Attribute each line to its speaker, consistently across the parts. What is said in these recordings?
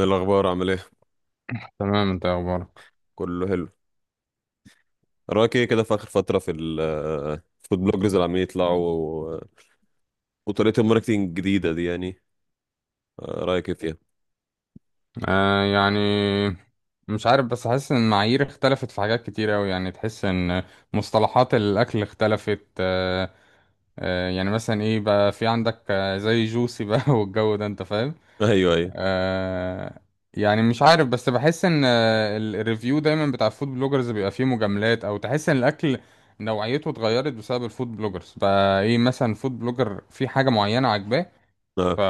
Speaker 1: إيه الأخبار؟ عامل إيه؟
Speaker 2: تمام، انت إيه اخبارك؟
Speaker 1: كله حلو. رأيك إيه كده في آخر فترة في الفود بلوجرز اللي عمالين يطلعوا و- وطريقة الماركتينج الجديدة دي يعني؟ رأيك إيه فيها؟
Speaker 2: يعني مش عارف، بس حاسس ان المعايير اختلفت في حاجات كتير اوي. يعني تحس ان مصطلحات الاكل اختلفت. يعني مثلا ايه بقى، في عندك زي جوسي بقى والجو ده، انت فاهم.
Speaker 1: أيوه أيوه.
Speaker 2: آه يعني مش عارف، بس بحس ان الريفيو دايما بتاع الفود بلوجرز بيبقى فيه مجاملات، او تحس ان الاكل نوعيته اتغيرت بسبب الفود بلوجرز. بقى ايه، مثلا فود بلوجر في حاجة معينة عاجباه، ف...
Speaker 1: آه.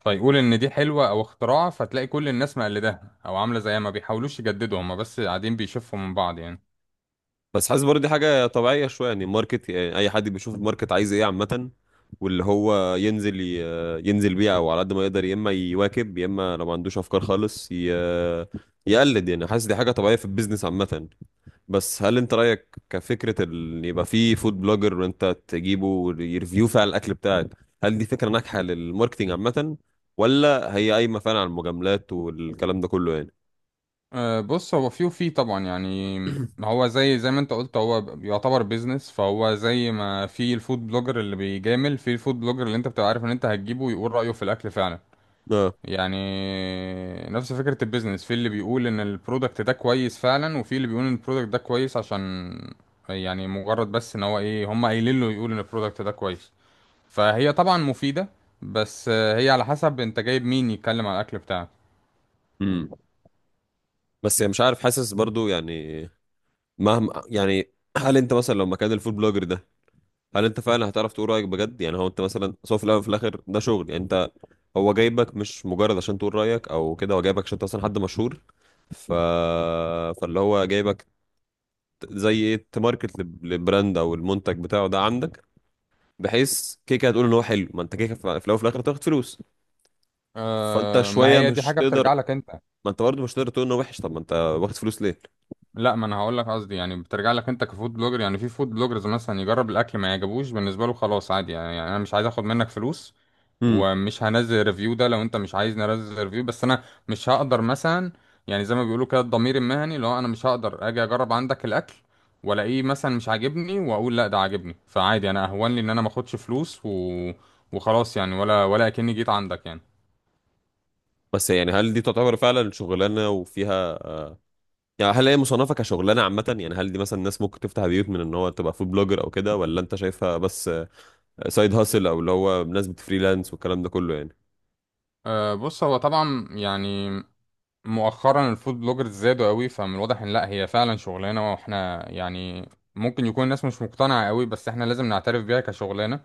Speaker 2: فيقول ان دي حلوه او اختراع، فتلاقي كل الناس مقلداها او عامله زيها، ما بيحاولوش يجددوا، هما بس قاعدين بيشوفوا من بعض يعني.
Speaker 1: بس حاسس برضه دي حاجة طبيعية شوية، يعني الماركت، يعني أي حد بيشوف الماركت عايز إيه عامة، واللي هو ينزل ينزل بيه أو على قد ما يقدر، يا إما يواكب يا إما لو ما عندوش أفكار خالص يقلد، يعني حاسس دي حاجة طبيعية في البيزنس عامة. بس هل أنت رأيك كفكرة يبقى في فود بلوجر وأنت تجيبه ويرفيو فعلا الأكل بتاعك، هل دي فكرة ناجحة للماركتينج عامة؟ ولا هي قايمة فعلا على المجاملات والكلام ده كله يعني؟
Speaker 2: بص، هو فيه وفيه طبعا يعني. هو زي ما انت قلت، هو يعتبر بيزنس، فهو زي ما في الفود بلوجر اللي بيجامل، في الفود بلوجر اللي انت بتبقى عارف ان انت هتجيبه ويقول رأيه في الاكل فعلا
Speaker 1: اه.
Speaker 2: يعني. نفس فكرة البيزنس، في اللي بيقول ان البرودكت ده كويس فعلا، وفي اللي بيقول ان البرودكت ده كويس عشان يعني مجرد بس ان هو ايه، هم قايلين له يقول ان البرودكت ده كويس. فهي طبعا مفيدة، بس هي على حسب انت جايب مين يتكلم على الاكل بتاعك.
Speaker 1: امم. بس يعني مش عارف، حاسس برضو يعني مهما، يعني هل انت مثلا لو مكان الفود بلوجر ده، هل انت فعلا هتعرف تقول رايك بجد؟ يعني هو انت مثلا سواء في الاول وفي الاخر ده شغل، يعني انت هو جايبك مش مجرد عشان تقول رايك او كده، هو جايبك عشان انت مثلا حد مشهور. ف فاللي هو جايبك زي ايه تماركت للبراند او المنتج بتاعه ده عندك، بحيث كيكه هتقول ان هو حلو، ما انت كيكه في الاول وفي الاخر تاخد فلوس. فانت
Speaker 2: ما
Speaker 1: شويه
Speaker 2: هي دي
Speaker 1: مش
Speaker 2: حاجة بترجع
Speaker 1: تقدر،
Speaker 2: لك انت.
Speaker 1: ما انت برضه مش تقدر تقول انه وحش، طب ما انت واخد فلوس ليه؟
Speaker 2: لا، ما انا هقول لك قصدي يعني بترجع لك انت كفود بلوجر. يعني في فود بلوجرز مثلا يجرب الاكل ما يعجبوش، بالنسبه له خلاص عادي يعني، يعني انا مش عايز اخد منك فلوس،
Speaker 1: امم.
Speaker 2: ومش هنزل ريفيو ده لو انت مش عايز ننزل ريفيو، بس انا مش هقدر مثلا. يعني زي ما بيقولوا كده، الضمير المهني، لو انا مش هقدر اجي اجرب عندك الاكل والاقيه مثلا مش عاجبني واقول لا ده عاجبني، فعادي انا اهون لي ان انا ما اخدش فلوس وخلاص يعني، ولا اكني جيت عندك يعني.
Speaker 1: بس يعني هل دي تعتبر فعلا شغلانه وفيها؟ يعني هل هي مصنفة كشغلانة عامة؟ يعني هل دي مثلا ناس ممكن تفتح بيوت من ان هو تبقى فود بلوجر او كده، ولا انت شايفها بس سايد هاسل، او اللي هو ناس بتفريلانس والكلام ده كله يعني؟
Speaker 2: بص، هو طبعا يعني مؤخرا الفود بلوجرز زادوا قوي، فمن الواضح ان لا، هي فعلا شغلانه، واحنا يعني ممكن يكون الناس مش مقتنعه قوي، بس احنا لازم نعترف بيها كشغلانه.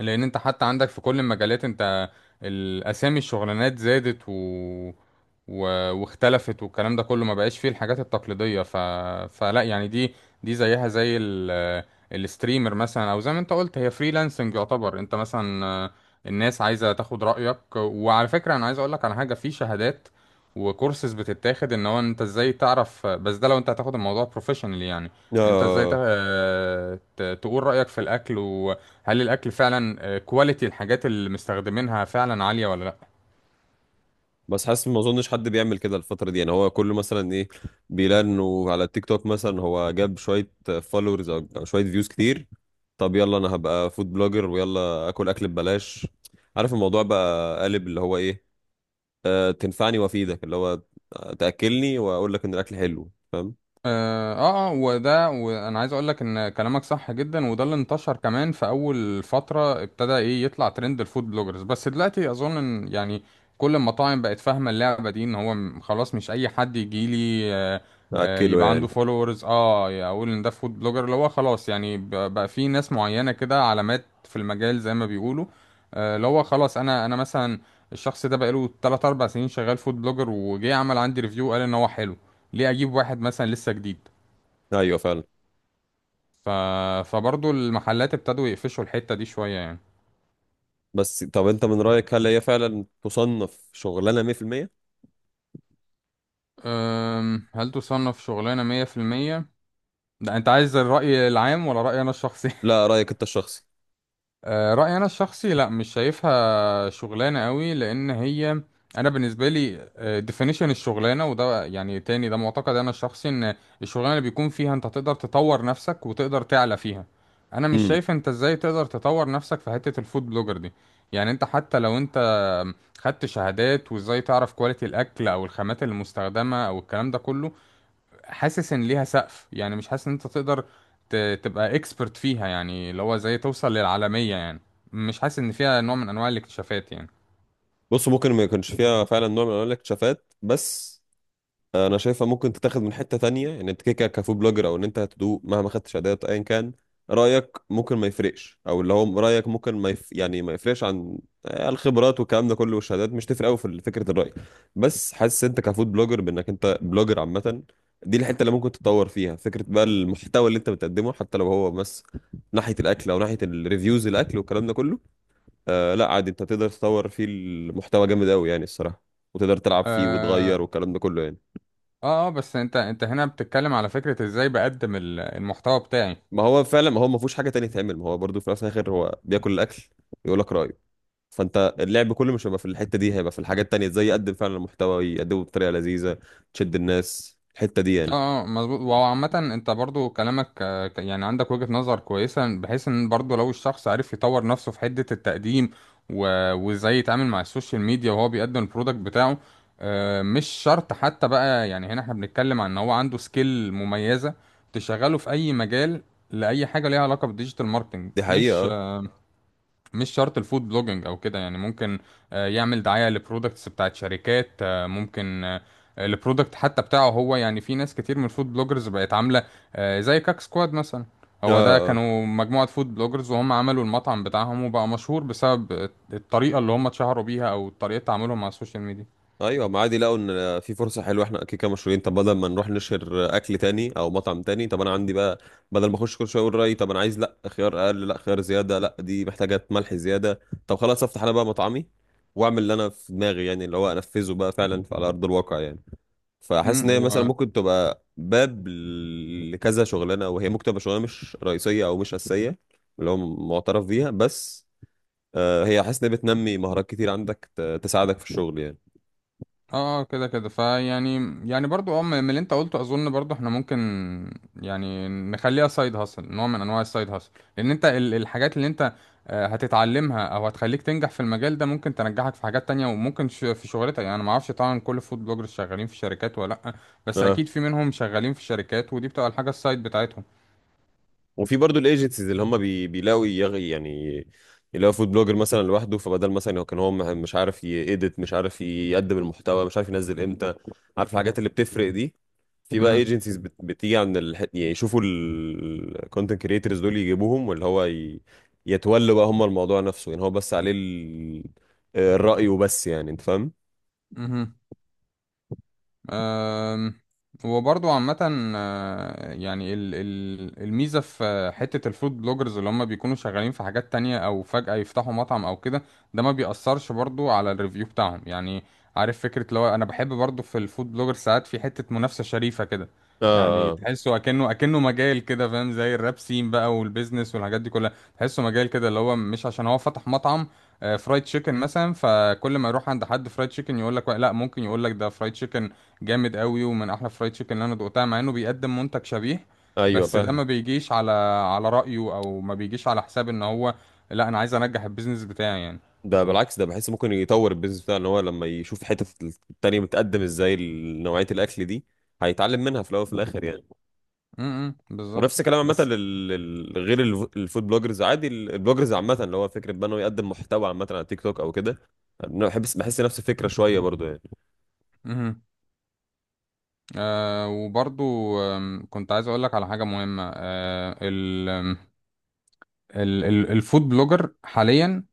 Speaker 2: لان انت حتى عندك في كل المجالات، انت الاسامي الشغلانات زادت و... واختلفت والكلام ده كله، ما بقاش فيه الحاجات التقليدية. فلا يعني، دي زيها زي الستريمر مثلا، او زي ما انت قلت هي فريلانسنج يعتبر. انت مثلا الناس عايزة تاخد رأيك، وعلى فكرة انا عايز اقولك على حاجة، في شهادات وكورسز بتتاخد ان هو انت ازاي تعرف، بس ده لو انت هتاخد الموضوع بروفيشنال يعني. انت ازاي تا-
Speaker 1: آه.
Speaker 2: آه، ت- تقول رأيك في الاكل هل الاكل فعلا كواليتي، الحاجات اللي مستخدمينها فعلا عاليه ولا لا.
Speaker 1: بس حاسس ما اظنش حد بيعمل كده الفترة دي، يعني هو كله مثلا ايه، بيلاقي انه على التيك توك مثلا هو جاب شوية فولورز او أو شوية فيوز كتير، طب يلا انا هبقى فود بلوجر ويلا اكل اكل ببلاش. عارف الموضوع بقى قالب اللي هو ايه، آه تنفعني وافيدك، اللي هو تاكلني واقول لك ان الاكل حلو، فاهم؟
Speaker 2: وده، وانا عايز اقول لك ان كلامك صح جدا، وده اللي انتشر كمان في اول فترة ابتدى ايه يطلع ترند الفود بلوجرز. بس دلوقتي اظن ان يعني كل المطاعم بقت فاهمة اللعبة دي، ان هو خلاص مش اي حد يجي لي
Speaker 1: اكله
Speaker 2: يبقى عنده
Speaker 1: يعني.
Speaker 2: فولورز اقول ان ده فود بلوجر. اللي هو خلاص يعني بقى في ناس معينة كده، علامات في المجال زي ما بيقولوا. اللي هو خلاص، انا مثلا الشخص ده بقاله 3 4 سنين شغال فود بلوجر، وجه عمل عندي ريفيو قال ان هو حلو، ليه اجيب واحد مثلا لسه جديد؟
Speaker 1: ايوه فعلا.
Speaker 2: ف... فبرضو المحلات ابتدوا يقفشوا الحتة دي شوية يعني.
Speaker 1: بس طب انت من رايك هل هي فعلا تصنف شغلانه 100%؟
Speaker 2: هل تصنف شغلانة مية في المية؟ ده انت عايز الرأي العام ولا رأيي انا الشخصي؟
Speaker 1: لا، رايك انت الشخصي.
Speaker 2: رأيي أنا الشخصي، لا، مش شايفها شغلانة قوي، لأن هي أنا بالنسبة لي definition الشغلانة، وده يعني تاني ده معتقد أنا الشخصي، إن الشغلانة اللي بيكون فيها أنت تقدر تطور نفسك وتقدر تعلى فيها. أنا مش
Speaker 1: امم.
Speaker 2: شايف أنت إزاي تقدر تطور نفسك في حتة الفود بلوجر دي. يعني أنت حتى لو أنت خدت شهادات وإزاي تعرف كواليتي الأكل أو الخامات المستخدمة أو الكلام ده كله، حاسس ان ليها سقف. يعني مش حاسس ان انت تقدر تبقى اكسبرت فيها، يعني اللي هو زي توصل للعالمية يعني، مش حاسس ان فيها نوع من انواع الاكتشافات يعني.
Speaker 1: بص ممكن ما يكونش فيها فعلا نوع من انواع الاكتشافات، بس انا شايفها ممكن تتاخد من حته تانية، ان انت كده كده كفود بلوجر او ان انت هتدوق مهما خدتش ادوات ايا كان، رايك ممكن ما يفرقش، او اللي هو رايك ممكن ما يف... يعني ما يفرقش عن الخبرات والكلام ده كله والشهادات، مش تفرق قوي في فكره الراي. بس حاسس انت كفود بلوجر بانك انت بلوجر عامه، دي الحته اللي ممكن تتطور فيها، فكره بقى المحتوى اللي انت بتقدمه حتى لو هو بس ناحيه الاكل او ناحيه الريفيوز الاكل والكلام ده كله. آه لا عادي، انت تقدر تطور فيه المحتوى جامد قوي يعني الصراحه، وتقدر تلعب فيه
Speaker 2: اه
Speaker 1: وتغير والكلام ده كله يعني.
Speaker 2: بس انت هنا بتتكلم على فكرة ازاي بقدم المحتوى بتاعي.
Speaker 1: ما هو فعلا، ما هو ما فيهوش حاجه تانية تعمل، ما هو برضو في الاول وفي الاخر هو بياكل الاكل، يقول لك رايه. فانت اللعب كله مش هيبقى في الحته دي، هيبقى في الحاجات التانية، ازاي يقدم فعلا محتوى، يقدمه بطريقه لذيذه تشد الناس، الحته دي يعني.
Speaker 2: مظبوط، وهو عامة انت برضو كلامك يعني عندك وجهة نظر كويسة، بحيث ان برضو لو الشخص عرف يطور نفسه في حدة التقديم، وازاي يتعامل مع السوشيال ميديا وهو بيقدم البرودكت بتاعه. مش شرط حتى بقى، يعني هنا احنا بنتكلم عن ان هو عنده سكيل مميزة تشغله في اي مجال، لأي حاجة ليها علاقة بالديجيتال ماركتنج.
Speaker 1: دي
Speaker 2: مش
Speaker 1: حقيقه. اه.
Speaker 2: مش شرط الفود بلوجينج او كده يعني. ممكن يعمل دعاية لبرودكتس بتاعت شركات، ممكن البرودكت حتى بتاعه هو يعني. في ناس كتير من الفود بلوجرز بقت عاملة زي كاك سكواد مثلا.
Speaker 1: اه.
Speaker 2: هو ده،
Speaker 1: آه.
Speaker 2: كانوا مجموعة فود بلوجرز وهم عملوا المطعم بتاعهم، وبقى مشهور بسبب الطريقة اللي هم اتشهروا بيها، او طريقة تعاملهم مع السوشيال ميديا.
Speaker 1: ايوه ما عادي لقوا ان في فرصه حلوه، احنا كده كده مشهورين، طب بدل ما نروح نشهر اكل تاني او مطعم تاني، طب انا عندي بقى، بدل ما اخش كل شويه اقول رايي طب انا عايز لا خيار اقل لا خيار زياده لا دي محتاجه ملح زياده، طب خلاص افتح انا بقى مطعمي، واعمل اللي انا في دماغي، يعني اللي هو انفذه بقى فعلا على ارض الواقع يعني. فحاسس ان هي مثلا
Speaker 2: امم.
Speaker 1: ممكن تبقى باب لكذا شغلانه، وهي ممكن تبقى شغلانه مش رئيسيه او مش اساسيه، اللي هو معترف بيها. بس هي حاسس ان هي بتنمي مهارات كتير عندك تساعدك في الشغل يعني.
Speaker 2: اه كده كده فيعني يعني برضو، من اللي انت قلته اظن برضو احنا ممكن يعني نخليها سايد هاسل، نوع من انواع السايد هاسل. لان انت الحاجات اللي انت هتتعلمها او هتخليك تنجح في المجال ده، ممكن تنجحك في حاجات تانية، وممكن في شغلتك. يعني انا ما اعرفش طبعا كل الفود بلوجرز شغالين في شركات ولا لا، بس
Speaker 1: اه.
Speaker 2: اكيد في منهم شغالين في شركات، ودي بتبقى الحاجة السايد بتاعتهم.
Speaker 1: وفي برضو الايجنسيز اللي هم بيلاقوا يعني يلاقوا فود بلوجر مثلا لوحده، فبدل مثلا هو كان هو مش عارف يedit، مش عارف يقدم المحتوى، مش عارف ينزل امتى، عارف الحاجات اللي بتفرق دي. في بقى ايجنسيز بتيجي عند يعني يشوفوا الكونتنت كريترز دول يجيبوهم، واللي هو يتولوا بقى هم الموضوع نفسه، يعني هو بس عليه الرأي وبس، يعني انت فاهم.
Speaker 2: امم أم، وبرضو عامة، يعني الميزة في حتة الفود بلوجرز اللي هم بيكونوا شغالين في حاجات تانية أو فجأة يفتحوا مطعم أو كده، ده ما بيأثرش برضو على الريفيو بتاعهم يعني. عارف فكرة، لو أنا بحب برضو في الفود بلوجر ساعات في حتة منافسة شريفة كده، يعني
Speaker 1: اه. اه.
Speaker 2: تحسه أكنه أكنه مجال كده، فاهم؟ زي الراب سين بقى والبيزنس والحاجات دي كلها، تحسه مجال كده اللي هو مش عشان هو فتح مطعم فرايد تشيكن مثلا، فكل ما يروح عند حد فرايد تشيكن يقول لك لا، ممكن يقول لك ده فرايد تشيكن جامد قوي ومن احلى فرايد تشيكن اللي انا دقتها، مع انه بيقدم منتج شبيه.
Speaker 1: ايوه
Speaker 2: بس ده
Speaker 1: فاهم.
Speaker 2: ما بيجيش على، على رأيه، او ما بيجيش على حساب ان هو لا، انا عايز انجح البيزنس بتاعي يعني.
Speaker 1: ده بالعكس، ده بحس ممكن يطور البيزنس بتاعه، ان هو لما يشوف حتة التانية بتقدم ازاي نوعية الاكل دي، هيتعلم منها في الاول وفي الاخر يعني.
Speaker 2: امم، بالظبط
Speaker 1: ونفس الكلام عامة
Speaker 2: بس.
Speaker 1: غير الفود بلوجرز عادي، البلوجرز عامة، اللي هو فكرة بقى انه يقدم محتوى عامة على تيك توك او كده. أنا بحس نفس الفكرة شوية برضو يعني.
Speaker 2: امم. وبرضو كنت عايز اقول لك على حاجة مهمة. آه ال آم، ال ال الفود بلوجر حاليا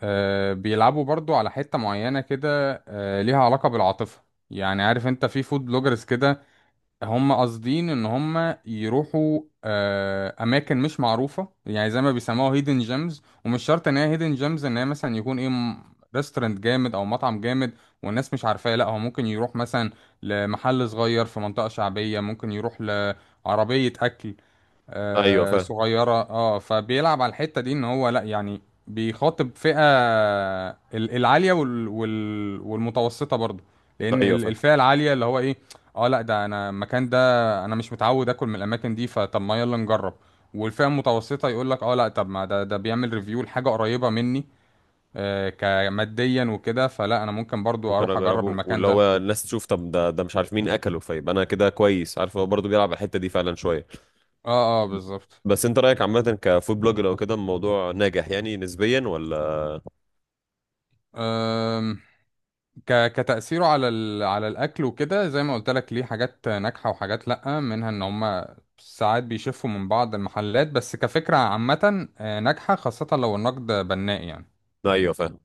Speaker 2: بيلعبوا برضو على حتة معينة كده، ليها علاقة بالعاطفة. يعني عارف انت في فود بلوجرز كده هم قاصدين ان هم يروحوا اماكن مش معروفه، يعني زي ما بيسموها هيدن جيمز. ومش شرط ان هي هيدن جيمز ان هي مثلا يكون ايه ريستورانت جامد او مطعم جامد والناس مش عارفاه. لا، هو ممكن يروح مثلا لمحل صغير في منطقه شعبيه، ممكن يروح لعربيه اكل
Speaker 1: ايوه فاهم.
Speaker 2: صغيرة. اه فبيلعب على الحتة دي ان هو لا يعني بيخاطب فئة، العالية والمتوسطة برضه. لان
Speaker 1: ايوه فاهم.
Speaker 2: الفئة العالية اللي هو ايه، اه لا، ده انا المكان ده انا مش متعود اكل من الاماكن دي، فطب ما يلا نجرب. والفئة المتوسطة يقول لك اه لا، طب ما ده بيعمل ريفيو لحاجة قريبة مني كماديا وكده، فلا انا ممكن برضو
Speaker 1: ممكن
Speaker 2: اروح اجرب
Speaker 1: اجربه
Speaker 2: المكان
Speaker 1: واللي
Speaker 2: ده.
Speaker 1: هو الناس تشوف طب ده مش عارف مين اكله، فيبقى انا كده كويس، عارف هو برضه بيلعب على الحته دي فعلا شويه.
Speaker 2: اه بالظبط.
Speaker 1: بس انت رايك عامه كفود بلوجر او كده الموضوع ناجح يعني نسبيا ولا؟
Speaker 2: كتأثيره على على الأكل وكده، زي ما قلت لك ليه حاجات ناجحة وحاجات لأ، منها إن هما ساعات بيشفوا من بعض المحلات، بس كفكرة عامة ناجحة خاصة لو النقد بناء يعني.
Speaker 1: ايوه فاهم.